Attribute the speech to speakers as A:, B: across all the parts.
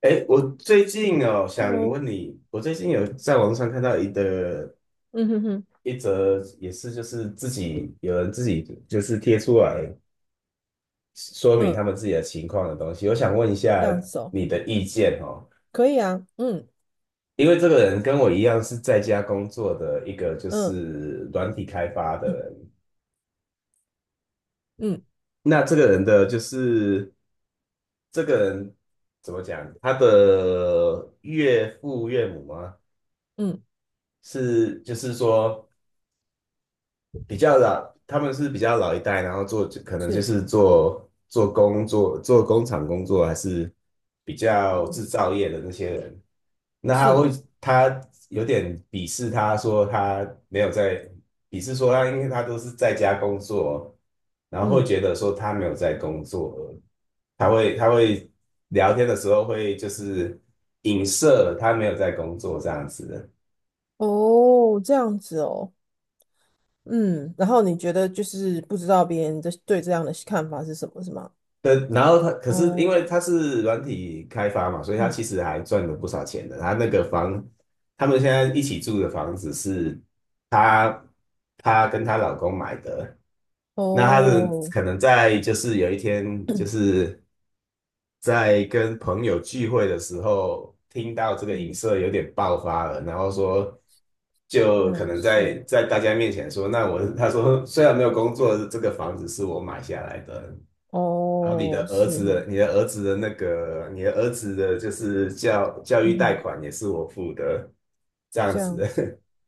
A: 哎，我最近哦，想
B: Hello，
A: 问你，我最近有在网上看到
B: 嗯哼哼，
A: 一则，也是就是有人自己就是贴出来说明他
B: 嗯，
A: 们自己的情况的东西，我想问一下
B: 这样子哦，
A: 你的意见哦，
B: 可以啊，嗯
A: 因为这个人跟我一样是在家工作的一个就
B: 嗯
A: 是软体开发的
B: 嗯
A: 人，
B: 嗯
A: 那这个人的就是这个人怎么讲，他的岳父岳母吗？
B: 嗯，
A: 是就是说。比较老，他们是比较老一代，然后做可能就
B: 是，
A: 是做工厂工作，还是比较制
B: 嗯
A: 造业的那些人。那他
B: 是，
A: 会他有点鄙视他说他没有在鄙视说他，因为他都是在家工作，然后会
B: 嗯，
A: 觉得说他没有在工作，他会聊天的时候会就是影射他没有在工作这样子的。
B: 哦，这样子哦，嗯，然后你觉得就是不知道别人的对这样的看法是什么，是吗？
A: 那然后他可是因
B: 哦，
A: 为他是软体开发嘛，所以他
B: 嗯，
A: 其实还赚了不少钱的。他那个房，他们现在一起住的房子是他他跟她老公买的。那他的
B: 哦，
A: 可能在就是有一天就 是在跟朋友聚会的时候，听到这个影
B: 嗯
A: 射有点爆发了，然后就可
B: 嗯，
A: 能在
B: 是，
A: 在大家面前说，他说 虽然没有工作，这个房子是我买下来的。然后你的
B: 哦，
A: 儿
B: 是
A: 子的，
B: 是，
A: 就是教育
B: 嗯
A: 贷
B: 哼，
A: 款也是我付的，这样
B: 这样子，
A: 子。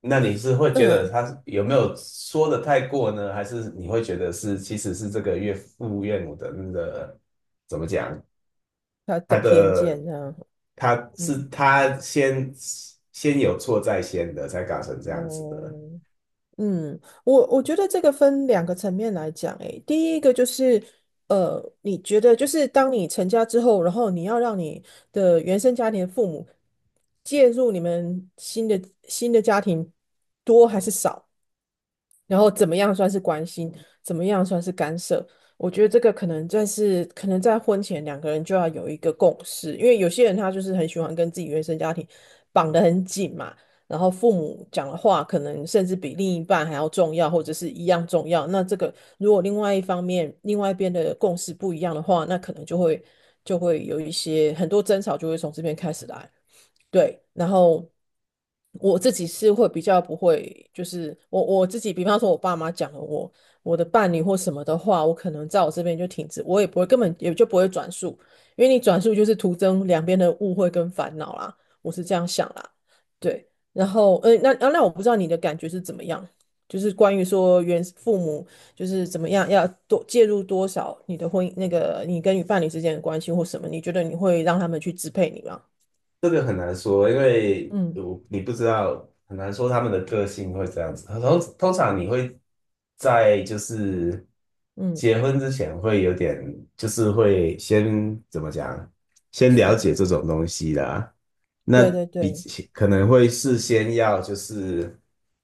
A: 那你是会觉得
B: 嗯，
A: 他有没有说的太过呢？还是你会觉得其实是这个岳父岳母的那个
B: 他的
A: 他
B: 偏见
A: 的
B: 这样，
A: 他是
B: 嗯，
A: 他先先有错在先的，才搞成这样子的？
B: 哦。嗯，我觉得这个分两个层面来讲，诶，第一个就是，你觉得就是当你成家之后，然后你要让你的原生家庭的父母介入你们新的家庭多还是少？然后怎么样算是关心，怎么样算是干涉？我觉得这个可能在婚前两个人就要有一个共识，因为有些人他就是很喜欢跟自己原生家庭绑得很紧嘛，然后父母讲的话可能甚至比另一半还要重要，或者是一样重要。那这个如果另外一方面另外一边的共识不一样的话，那可能就会有一些很多争吵就会从这边开始来。对，然后我自己是会比较不会，就是我自己，比方说我爸妈讲了我的伴侣或什么的话，我可能在我这边就停止，我也不会根本也就不会转述，因为你转述就是徒增两边的误会跟烦恼啦，我是这样想啦，对，然后那啊那我不知道你的感觉是怎么样，就是关于说原父母就是怎么样要多介入多少你的婚姻那个你跟你伴侣之间的关系或什么，你觉得你会让他们去支配你吗？
A: 这个很难说，因为
B: 嗯
A: 我你不知道，很难说他们的个性会这样子。通常你会就是
B: 嗯。
A: 结婚之前会有点，就是会先怎么讲，先了
B: 是，
A: 解这种东西啦。那
B: 对对
A: 比
B: 对，
A: 起可能会事先要就是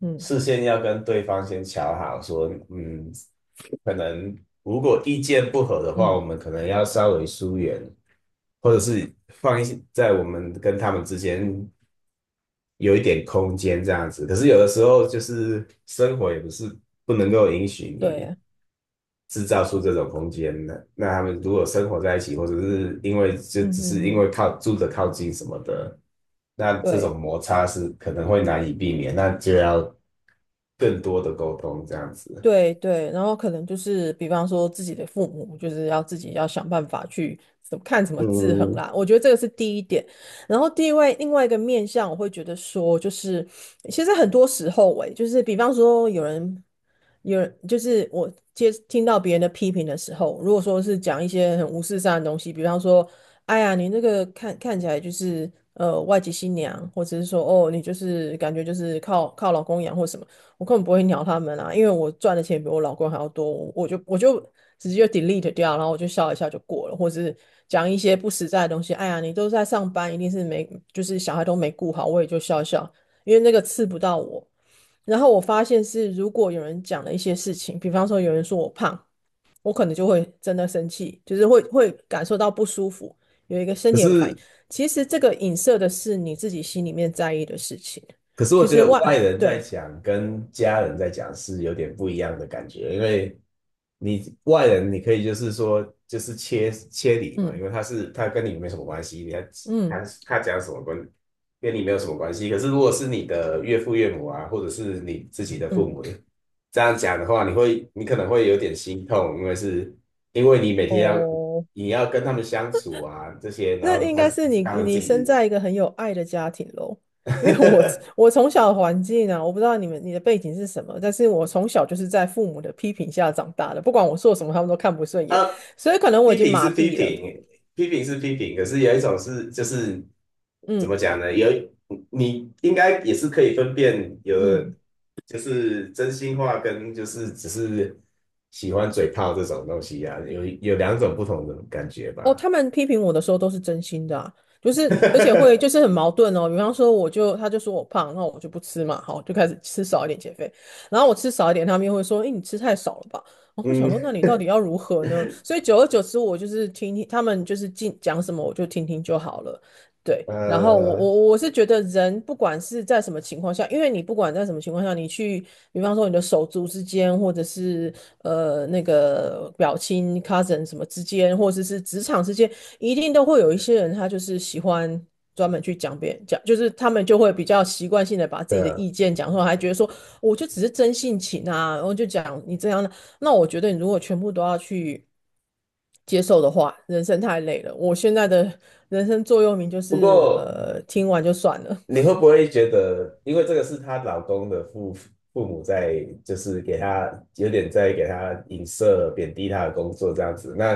B: 嗯
A: 事先要跟对方先瞧好说，嗯，可能如果意见不合的话，我
B: 嗯，
A: 们可能要稍微疏远，或者是放一些在我们跟他们之间有一点空间这样子。可是有的时候就是生活也不是不能够允许
B: 对
A: 你
B: 啊，
A: 制造出这种空间的。那他们如果生活在一起，或者是因为就
B: 嗯
A: 只
B: 嗯
A: 是因为
B: 嗯，
A: 靠近什么的，那这
B: 对。
A: 种摩擦是可能会难以避免，那就要更多的沟通这样子。
B: 对对，然后可能就是比方说自己的父母，就是要自己要想办法去怎么看怎么制衡
A: 嗯，
B: 啦。我觉得这个是第一点。然后第二位另外一个面向，我会觉得说，就是其实很多时候欸、诶就是比方说有人，就是我接听到别人的批评的时候，如果说是讲一些很无事上的东西，比方说，哎呀，你那个看起来就是外籍新娘，或者是说哦，你就是感觉就是靠老公养或什么。我根本不会鸟他们啊，因为我赚的钱比我老公还要多，我就直接就 delete 掉，然后我就笑一下就过了，或是讲一些不实在的东西。哎呀，你都在上班，一定是没就是小孩都没顾好，我也就笑一笑，因为那个刺不到我。然后我发现是，如果有人讲了一些事情，比方说有人说我胖，我可能就会真的生气，就是会感受到不舒服，有一个身
A: 可
B: 体有个反应。
A: 是
B: 其实这个影射的是你自己心里面在意的事情。
A: 可是我
B: 其
A: 觉
B: 实
A: 得
B: 外，
A: 外人在
B: 对，
A: 讲跟家人在讲是有点不一样的感觉，因为你外人你可以就是说就是切切理嘛，因
B: 嗯
A: 为他是他跟你没什么关系，他
B: 嗯。
A: 他讲什么跟你没有什么关系。可是如果是你的岳父岳母啊，或者是你自己的父
B: 嗯，
A: 母这样讲的话，你会你可能会有点心痛，因为你每天要
B: 哦，
A: 你要跟他们相处啊这些，然
B: 那
A: 后
B: 应该是你
A: 他们自
B: 你
A: 己
B: 生
A: 的
B: 在一个很有爱的家庭喽。因为我从小的环境啊，我不知道你们你的背景是什么，但是我从小就是在父母的批评下长大的，不管我做什么，他们都看不顺 眼，
A: 啊，
B: 所以可能我已
A: 批
B: 经
A: 评
B: 麻
A: 是批
B: 痹了。
A: 评，可是有一种是就是怎么讲
B: 嗯
A: 呢？你应该也是可以分辨有，
B: 嗯。
A: 就是真心话跟就是只是喜欢嘴炮这种东西呀。有两种不同的感觉
B: 哦，
A: 吧。
B: 他们批评我的时候都是真心的啊，就是而且会就是 很矛盾哦。比方说，我就他就说我胖，那我就不吃嘛，好，就开始吃少一点减肥。然后我吃少一点，他们又会说，哎，你吃太少了吧？然后我想
A: 嗯，
B: 说，那你到底要如何呢？所以久而久之，我就是听听他们就是进讲什么，我就听听就好了。对，然后我
A: 呃，
B: 我我是觉得人不管是在什么情况下，因为你不管在什么情况下，你去，比方说你的手足之间，或者是那个表亲 cousin 什么之间，或者是职场之间，一定都会有一些人他就是喜欢专门去讲别人讲，就是他们就会比较习惯性的把自
A: 对
B: 己的
A: 啊。
B: 意见讲出来，还觉得说我就只是真性情啊，然后就讲你这样的，那我觉得你如果全部都要去。接受的话，人生太累了。我现在的人生座右铭就
A: 不
B: 是，
A: 过
B: 听完就算了，
A: 你会不会觉得，因为这个是她老公的父母在，就是给她有点在给她影射、贬低她的工作这样子，那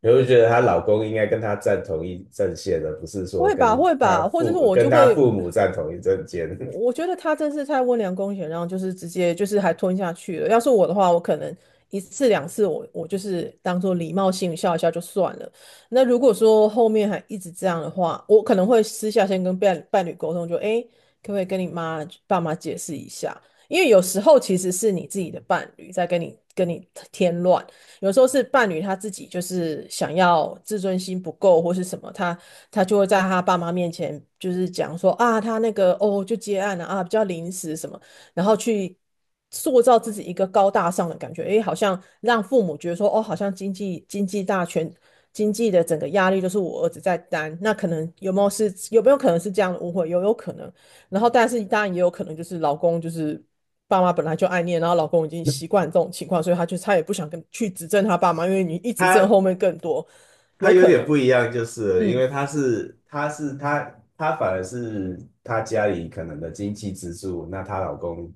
A: 你会不会觉得她老公应该跟她站同一阵线的，不是 说
B: 会吧，会吧，或者是我
A: 跟
B: 就
A: 她父
B: 会，
A: 母站同一阵线？
B: 我觉得他真是太温良恭俭让，就是直接就是还吞下去了。要是我的话，我可能一次两次我就是当做礼貌性笑一下就算了。那如果说后面还一直这样的话，我可能会私下先跟伴侣沟通，就诶，可不可以跟你妈爸妈解释一下？因为有时候其实是你自己的伴侣在跟你添乱。有时候是伴侣他自己就是想要自尊心不够或是什么，他就会在他爸妈面前就是讲说啊，他那个哦就接案了啊，比较临时什么，然后去塑造自己一个高大上的感觉，诶，好像让父母觉得说哦，好像经济大权。经济的整个压力都是我儿子在担，那可能有没有可能是这样的误会？有有可能，然后但是当然也有可能就是老公就是爸妈本来就爱念，然后老公已经习惯这种情况，所以他也不想跟去指正他爸妈，因为你一直正后
A: 她
B: 面更多，
A: 她
B: 有
A: 有
B: 可
A: 点
B: 能，
A: 不一样，就是了因
B: 嗯，
A: 为她反而是她家里可能的经济支柱，那她老公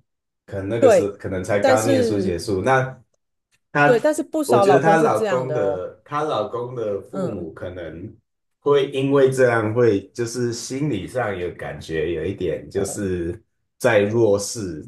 A: 可能那个时候
B: 对，
A: 可能才
B: 但
A: 刚念书结
B: 是
A: 束，她，
B: 不
A: 我
B: 少
A: 觉得
B: 老
A: 她
B: 公是
A: 老
B: 这样
A: 公
B: 的哦，
A: 的，她老公的父母
B: 嗯，
A: 可能会因为这样，会就是心理上有感觉，有一点就
B: 哦，
A: 是在弱势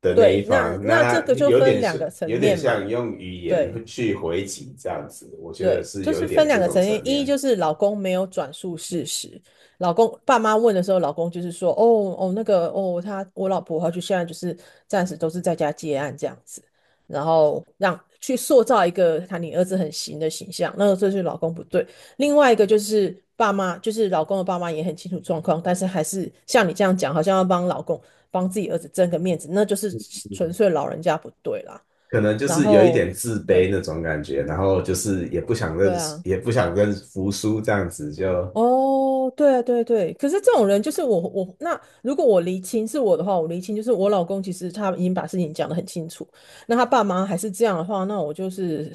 A: 的那一
B: 对，那
A: 方，那
B: 那这
A: 她
B: 个就
A: 有
B: 分
A: 点
B: 两个
A: 是
B: 层
A: 有点
B: 面嘛，
A: 像用语言
B: 对。
A: 去回击这样子，我觉得
B: 对，
A: 是
B: 就
A: 有一
B: 是分
A: 点
B: 两
A: 这
B: 个
A: 种
B: 层面，
A: 层
B: 一
A: 面。
B: 就是老公没有转述事实，老公爸妈问的时候，老公就是说，哦哦那个哦，他我老婆她就现在就是暂时都是在家接案这样子，然后让去塑造一个他你儿子很行的形象，那个这就是老公不对。另外一个就是爸妈，就是老公的爸妈也很清楚状况，但是还是像你这样讲，好像要帮老公帮自己儿子争个面子，那就是
A: 嗯
B: 纯
A: 嗯，
B: 粹老人家不对啦。
A: 可能就
B: 然
A: 是有一
B: 后
A: 点自卑
B: 对
A: 那种感觉，然后就是也不想
B: 对
A: 认输
B: 啊。
A: 也不想认服输，这样子就，
B: 哦，对对对，可是这种人就是我我那如果我离亲是我的话，我离亲就是我老公其实他已经把事情讲得很清楚，那他爸妈还是这样的话，那我就是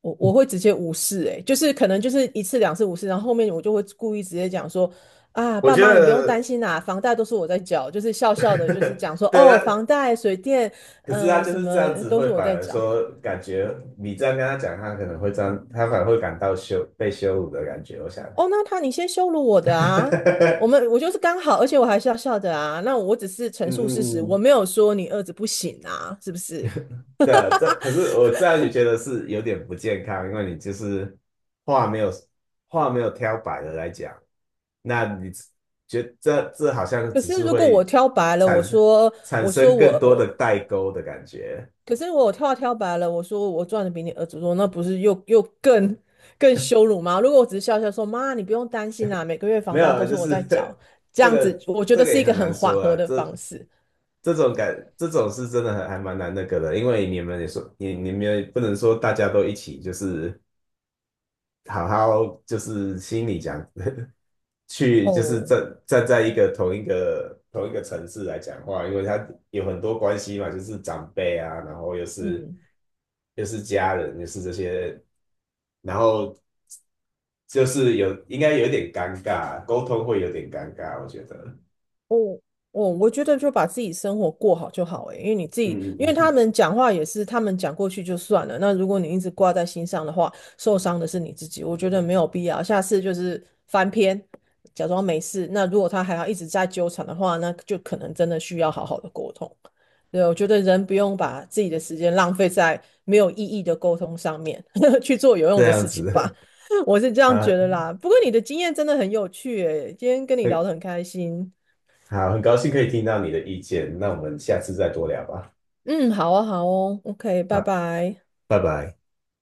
B: 我会直接无视、欸，诶，就是可能就是一次两次无视，然后后面我就会故意直接讲说啊，
A: 我
B: 爸
A: 觉
B: 妈你不用担
A: 得，
B: 心啦、房贷都是我在缴，就是笑笑的，就是讲说
A: 对，
B: 哦，房贷、水电，
A: 可是他
B: 嗯、
A: 就
B: 什
A: 是这
B: 么
A: 样子，
B: 都
A: 会
B: 是我
A: 反
B: 在
A: 而
B: 缴，
A: 说感觉你这样跟他讲，他可能会这样，他反而会感到被羞辱的感觉。我想，
B: 哦，那他你先羞辱我的啊！我们我 就是刚好，而且我还笑笑的啊。那我只是陈
A: 嗯
B: 述事实，
A: 嗯
B: 我
A: 嗯，
B: 没有说你儿子不行啊，是不是？
A: 对啊，这可是我这样也觉得是有点不健康，因为你就是话没有话没有挑白的来讲，那你觉这这好像
B: 可
A: 只
B: 是
A: 是
B: 如果我
A: 会
B: 挑白了，
A: 产
B: 我
A: 生
B: 说
A: 产
B: 我说
A: 生
B: 我
A: 更多的
B: 我，
A: 代沟的感觉，
B: 可是我挑白了，我说我赚的比你儿子多，那不是又更羞辱吗？如果我只是笑笑说妈，你不用担心啦、每个月
A: 没
B: 房
A: 有
B: 贷
A: 啊，
B: 都是
A: 就
B: 我在
A: 是
B: 缴，这
A: 这
B: 样子
A: 个
B: 我觉
A: 这
B: 得
A: 个
B: 是一
A: 也
B: 个
A: 很难
B: 很缓
A: 说
B: 和
A: 啊。
B: 的方式。
A: 这种是真的还蛮难那个的，因为你们也不能说大家都一起，就是好好就是心里讲，去就是
B: 哦，
A: 站在一个同一个同一个城市来讲话，因为他有很多关系嘛，就是长辈啊，然后又是
B: 嗯，
A: 又是家人，又是这些，然后就是应该有点尴尬，沟通会有点尴尬，我觉得，
B: 哦，哦，我觉得就把自己生活过好就好诶，因为你自己，
A: 嗯
B: 因
A: 嗯
B: 为他
A: 嗯，
B: 们讲话也是他们讲过去就算了。那如果你一直挂在心上的话，受伤的是你自己，我觉得没有必要。下次就是翻篇，假装没事。那如果他还要一直在纠缠的话，那就可能真的需要好好的沟通。对，我觉得人不用把自己的时间浪费在没有意义的沟通上面，去做有
A: 这
B: 用的
A: 样
B: 事情吧。
A: 子
B: 我是这 样
A: 啊，
B: 觉得啦。不过你的经验真的很有趣诶，今天跟你聊得很开心。
A: 好，很高兴可以听到你的意见，那我们下次再多聊吧。
B: 嗯，好啊，好哦，OK，拜
A: 好，
B: 拜。
A: 拜拜。